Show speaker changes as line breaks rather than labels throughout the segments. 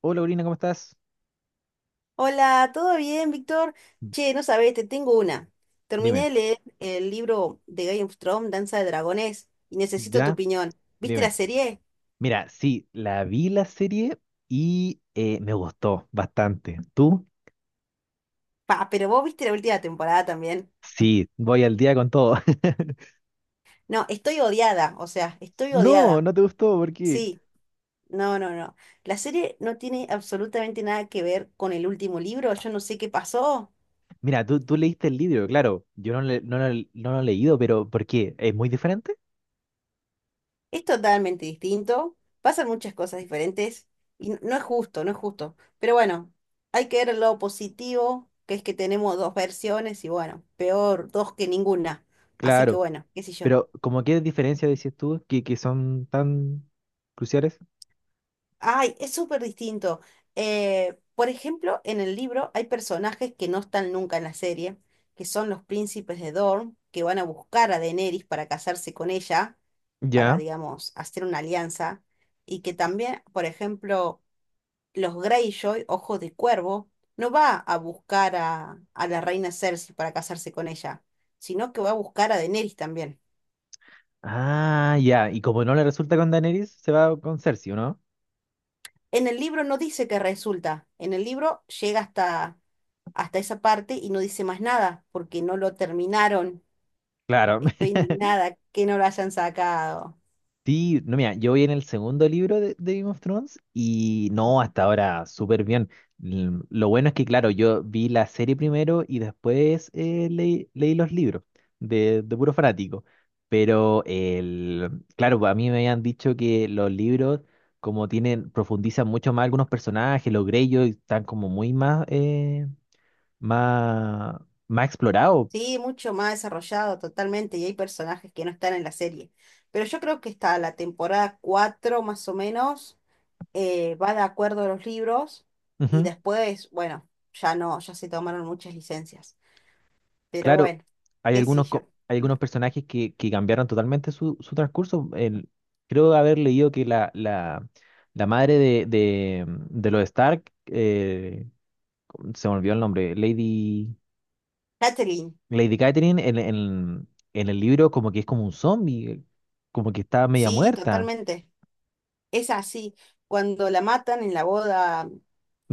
Hola, Corina, ¿cómo estás?
Hola, ¿todo bien, Víctor? Che, no sabés, te tengo una. Terminé
Dime,
de leer el libro de Game of Thrones, Danza de Dragones, y necesito tu
ya,
opinión. ¿Viste la
dime.
serie?
Mira, sí, la vi la serie y me gustó bastante. ¿Tú?
Pa, pero vos viste la última temporada también.
Sí, voy al día con todo.
No, estoy odiada, o sea, estoy
No,
odiada.
no te gustó, porque...
Sí, no, no, no. La serie no tiene absolutamente nada que ver con el último libro, yo no sé qué pasó.
Mira, tú leíste el libro, claro. Yo no, no, lo no lo he leído, pero ¿por qué? ¿Es muy diferente?
Es totalmente distinto, pasan muchas cosas diferentes y no es justo, no es justo. Pero bueno, hay que ver el lado positivo, que es que tenemos dos versiones y bueno, peor dos que ninguna. Así que
Claro,
bueno, qué sé yo.
pero ¿cómo qué diferencia decís tú que son tan cruciales?
Ay, es súper distinto. Por ejemplo, en el libro hay personajes que no están nunca en la serie, que son los príncipes de Dorne, que van a buscar a Daenerys para casarse con ella para,
Ya.
digamos, hacer una alianza. Y que también, por ejemplo, los Greyjoy, Ojos de Cuervo, no va a buscar a la reina Cersei para casarse con ella, sino que va a buscar a Daenerys también.
Ah, ya. Y como no le resulta con Daenerys, se va con Cersei, ¿o ¿no?
En el libro no dice que resulta, en el libro llega hasta esa parte y no dice más nada, porque no lo terminaron.
Claro.
Estoy indignada que no lo hayan sacado.
Sí, no, mira, yo voy en el segundo libro de Game of Thrones y no, hasta ahora súper bien. Lo bueno es que, claro, yo vi la serie primero y después leí los libros de puro fanático. Pero, claro, pues, a mí me habían dicho que los libros, como tienen, profundizan mucho más algunos personajes, los Greyjoy están como muy más, más, más explorados.
Sí, mucho más desarrollado totalmente y hay personajes que no están en la serie. Pero yo creo que está la temporada 4 más o menos va de acuerdo a los libros y después, bueno, ya no, ya se tomaron muchas licencias. Pero
Claro,
bueno,
hay
qué sé
algunos,
yo.
hay algunos personajes que cambiaron totalmente su, su transcurso. Creo haber leído que la madre de los Stark, se me olvidó el nombre, Lady,
Catherine,
Lady Catherine, en el libro como que es como un zombie, como que está media
sí,
muerta.
totalmente. Es así. Cuando la matan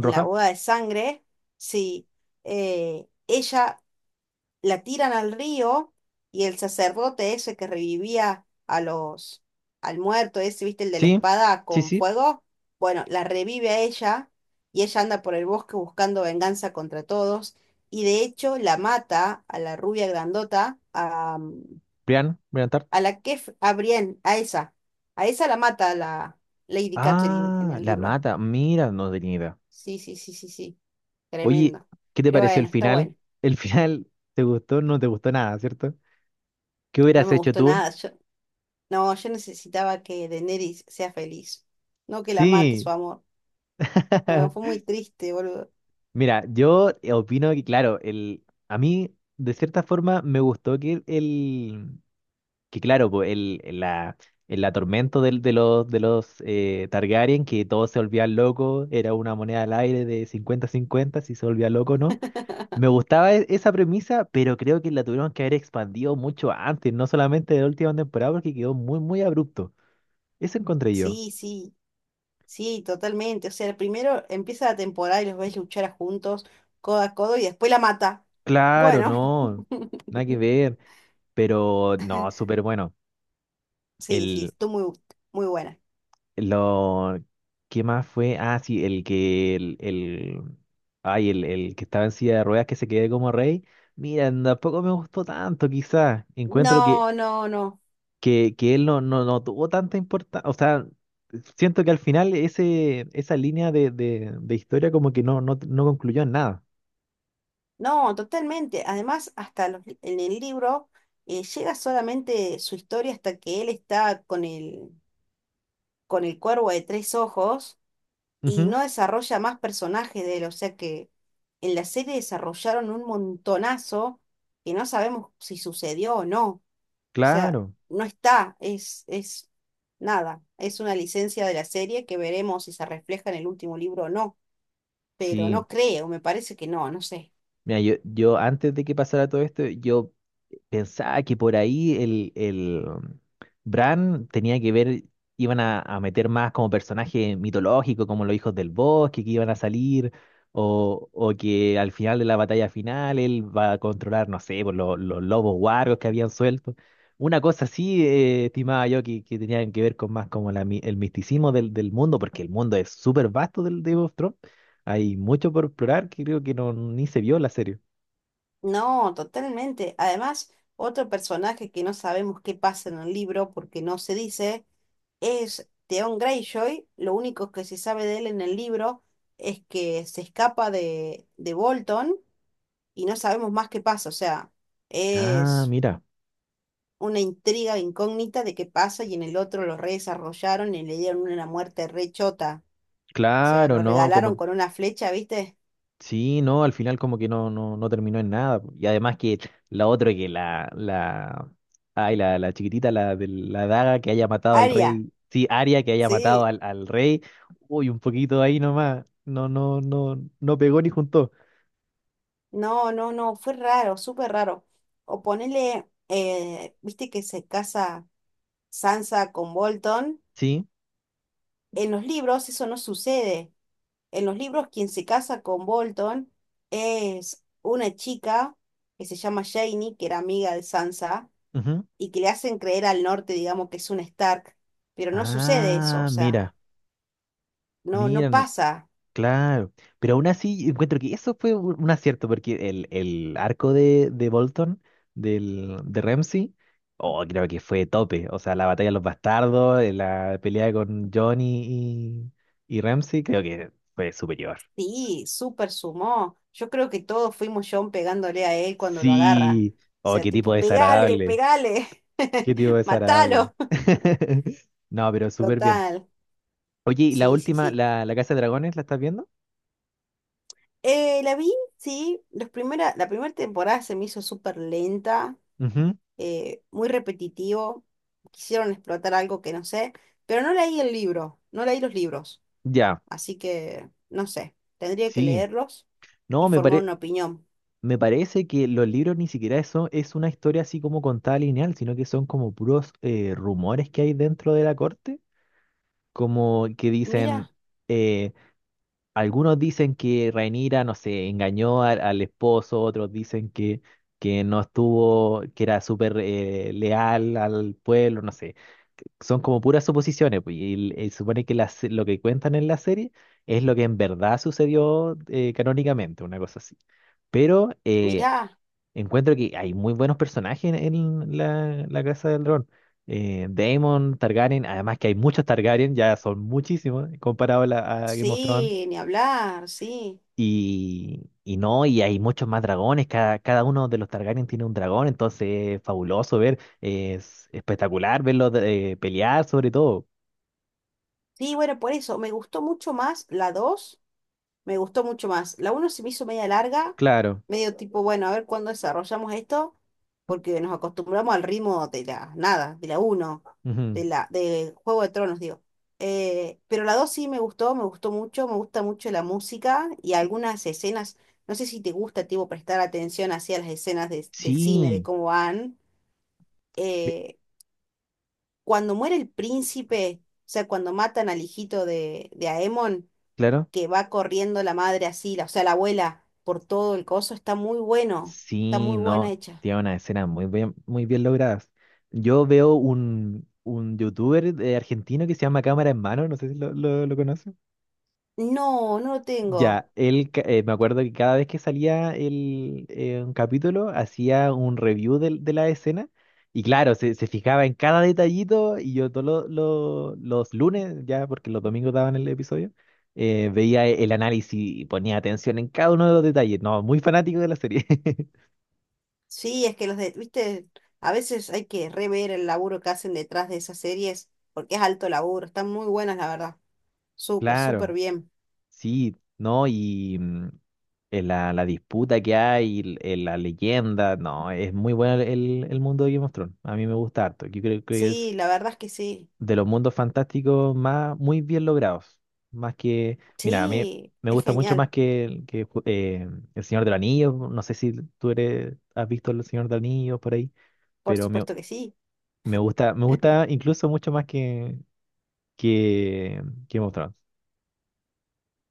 en la boda de sangre, sí, ella la tiran al río y el sacerdote ese que revivía al muerto ese, viste, el de la
Sí,
espada
sí,
con
sí.
fuego, bueno, la revive a ella y ella anda por el bosque buscando venganza contra todos y de hecho la mata a la rubia grandota,
Brian, Brian Tart.
a la que, f- a Brienne, a esa la mata la Lady Catherine en
Ah,
el
la
libro.
mata. Mira, no tenía idea.
Sí, sí, sí, sí, sí,
Oye,
tremendo.
¿qué te
Pero
pareció
bueno,
el
está
final?
bueno.
El final, ¿te gustó? No te gustó nada, ¿cierto? ¿Qué
No me
hubieras hecho
gustó
tú?
nada. No, yo necesitaba que Daenerys sea feliz, no que la mate su
Sí.
amor. No, fue muy triste, boludo.
Mira, yo opino que, claro, a mí, de cierta forma, me gustó que claro, pues, el atormento de de los Targaryen, que todos se volvían locos, era una moneda al aire de cincuenta-cincuenta si se volvía loco o no. Me gustaba esa premisa, pero creo que la tuvieron que haber expandido mucho antes, no solamente de la última temporada, porque quedó muy, muy abrupto. Eso encontré yo.
Sí, sí, sí, totalmente. O sea, primero empieza la temporada y los ves luchar juntos, codo a codo, y después la mata.
Claro,
Bueno,
no, nada que ver. Pero no, súper bueno.
sí, sí,
El,
estuvo muy, muy buena.
lo, ¿Qué más fue? Ah, sí, el que, el, ay, el que estaba en silla de ruedas que se quedó como rey. Mira, tampoco me gustó tanto, quizás. Encuentro
No, no, no.
que él no, no, no tuvo tanta importancia. O sea, siento que al final esa línea de historia como que no, no, no concluyó en nada.
No, totalmente. Además, hasta en el libro llega solamente su historia hasta que él está con el cuervo de tres ojos. Y
Ujú,
no desarrolla más personajes de él, o sea que en la serie desarrollaron un montonazo que no sabemos si sucedió o no. O sea,
claro,
no está, es nada, es una licencia de la serie que veremos si se refleja en el último libro o no, pero
sí.
no creo, me parece que no, no sé.
Mira, yo antes de que pasara todo esto, yo pensaba que por ahí Bran tenía que ver, iban a meter más como personaje mitológico, como los hijos del bosque que iban a salir, o que al final de la batalla final él va a controlar, no sé, por los lobos guargos que habían suelto. Una cosa así, estimaba yo, que tenían que ver con más como el misticismo del mundo, porque el mundo es súper vasto del Game of Thrones. Hay mucho por explorar que creo que no, ni se vio en la serie.
No, totalmente. Además, otro personaje que no sabemos qué pasa en el libro porque no se dice. Es Theon Greyjoy, lo único que se sabe de él en el libro es que se escapa de Bolton y no sabemos más qué pasa, o sea,
Ah,
es
mira,
una intriga incógnita de qué pasa y en el otro lo redesarrollaron y le dieron una muerte rechota, o sea,
claro,
lo
¿no? Como
regalaron con una flecha, ¿viste?
sí, no, al final como que no, no, no terminó en nada, po. Y además que la otra que la chiquitita, la de la daga que haya matado al
Aria,
rey, sí, Aria que haya matado
sí,
al rey, uy, un poquito ahí nomás, no, no, no, no pegó ni juntó.
no, no, no, fue raro, súper raro. O ponele, ¿viste que se casa Sansa con Bolton?
Sí,
En los libros eso no sucede. En los libros, quien se casa con Bolton es una chica que se llama Janie, que era amiga de Sansa,
ujú.
y que le hacen creer al norte, digamos, que es un Stark, pero no sucede eso, o
Ah,
sea,
mira,
no, no
mira, no,
pasa.
claro, pero aún así encuentro que eso fue un acierto, porque el arco de Bolton, de Ramsay, oh, creo que fue tope. O sea, la batalla de los bastardos, la pelea con Johnny y Ramsay, creo que fue superior.
Sí, súper sumó. Yo creo que todos fuimos John pegándole a él cuando lo agarra.
Sí,
O
oh,
sea,
qué tipo
tipo, pegale,
desagradable,
pegale,
qué tipo desagradable.
matalo.
No, pero súper bien.
Total,
Oye, ¿y la
sí, sí,
última,
sí.
la Casa de Dragones, la estás viendo?
La vi, sí, la primera temporada se me hizo súper lenta.
Ujú,
Muy repetitivo, quisieron explotar algo que no sé, pero no leí el libro, no leí los libros,
ya,
así que no sé, tendría que
sí.
leerlos y
No, me
formar
parece.
una opinión.
Me parece que los libros ni siquiera eso es una historia así como contada lineal, sino que son como puros rumores que hay dentro de la corte, como que dicen,
Mira,
eh, algunos dicen que Rhaenyra, no sé, engañó al esposo, otros dicen que no estuvo, que era súper leal al pueblo, no sé. Son como puras suposiciones, pues, y, supone que lo que cuentan en la serie es lo que en verdad sucedió canónicamente, una cosa así. Pero
mira
encuentro que hay muy buenos personajes en la Casa del Dragón. Daemon, Targaryen, además que hay muchos Targaryen, ya son muchísimos comparado a, la, a Game of Thrones.
sí, ni hablar, sí.
Y no, y hay muchos más dragones, cada uno de los Targaryen tiene un dragón, entonces es fabuloso ver, es espectacular verlos pelear sobre todo.
Sí, bueno, por eso me gustó mucho más la dos. Me gustó mucho más. La uno se me hizo media larga,
Claro.
medio tipo, bueno, a ver cuándo desarrollamos esto, porque nos acostumbramos al ritmo de la nada, de la uno
Ujú.
de Juego de Tronos, digo. Pero la 2 sí me gustó mucho, me gusta mucho la música y algunas escenas. No sé si te gusta, tipo, prestar atención hacia las escenas del cine, de
Sí,
cómo van.
ve-
Eh, Cuando muere el príncipe, o sea, cuando matan al hijito de Aemon
claro.
que va corriendo la madre así, o sea, la abuela, por todo el coso, está muy bueno, está
Sí,
muy buena
no,
hecha.
tiene una escena muy bien logradas. Yo veo un youtuber de argentino que se llama Cámara en Mano, no sé si lo conoce.
No, no lo tengo.
Ya, él, me acuerdo que cada vez que salía un capítulo, hacía un review la escena y claro, se fijaba en cada detallito y yo todos los lunes, ya porque los domingos daban el episodio, veía el análisis y ponía atención en cada uno de los detalles. No, muy fanático de la serie.
Sí, es que viste, a veces hay que rever el laburo que hacen detrás de esas series, porque es alto laburo, están muy buenas, la verdad. Súper, súper
Claro.
bien.
Sí, ¿no? Y la disputa que hay, la leyenda, no, es muy bueno el mundo de Game of Thrones. A mí me gusta harto. Yo creo que es
Sí, la verdad es que sí.
de los mundos fantásticos más, muy bien logrados. Más que, mira, a mí
Sí,
me
es
gusta mucho
genial,
más que, El Señor del Anillo. No sé si tú eres, has visto El Señor del Anillo por ahí,
por
pero
supuesto que sí.
me gusta incluso mucho más que Game of Thrones.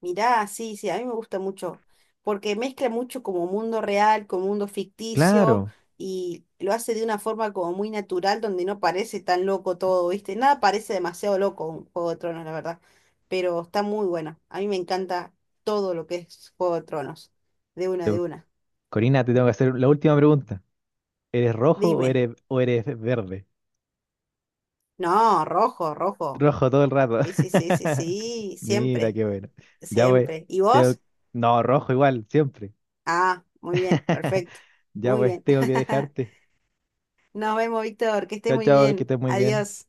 Mirá, sí, sí, a mí me gusta mucho, porque mezcla mucho como mundo real con mundo ficticio
Claro.
y lo hace de una forma como muy natural donde no parece tan loco todo, ¿viste? Nada parece demasiado loco un Juego de Tronos, la verdad, pero está muy buena. A mí me encanta todo lo que es Juego de Tronos, de una,
Te-
de una.
Corina, te tengo que hacer la última pregunta. ¿Eres rojo
Dime,
o eres verde?
no, rojo, rojo.
Rojo todo el rato.
Sí, sí, sí, sí, sí,
Mira,
siempre,
qué bueno. Ya pues,
siempre. ¿Y
tengo-
vos?
no, rojo igual, siempre.
Ah, muy bien, perfecto,
Ya
muy
pues,
bien.
tengo que dejarte.
Nos vemos, Víctor, que estés
Chao,
muy
chao, que
bien.
estés muy bien.
Adiós.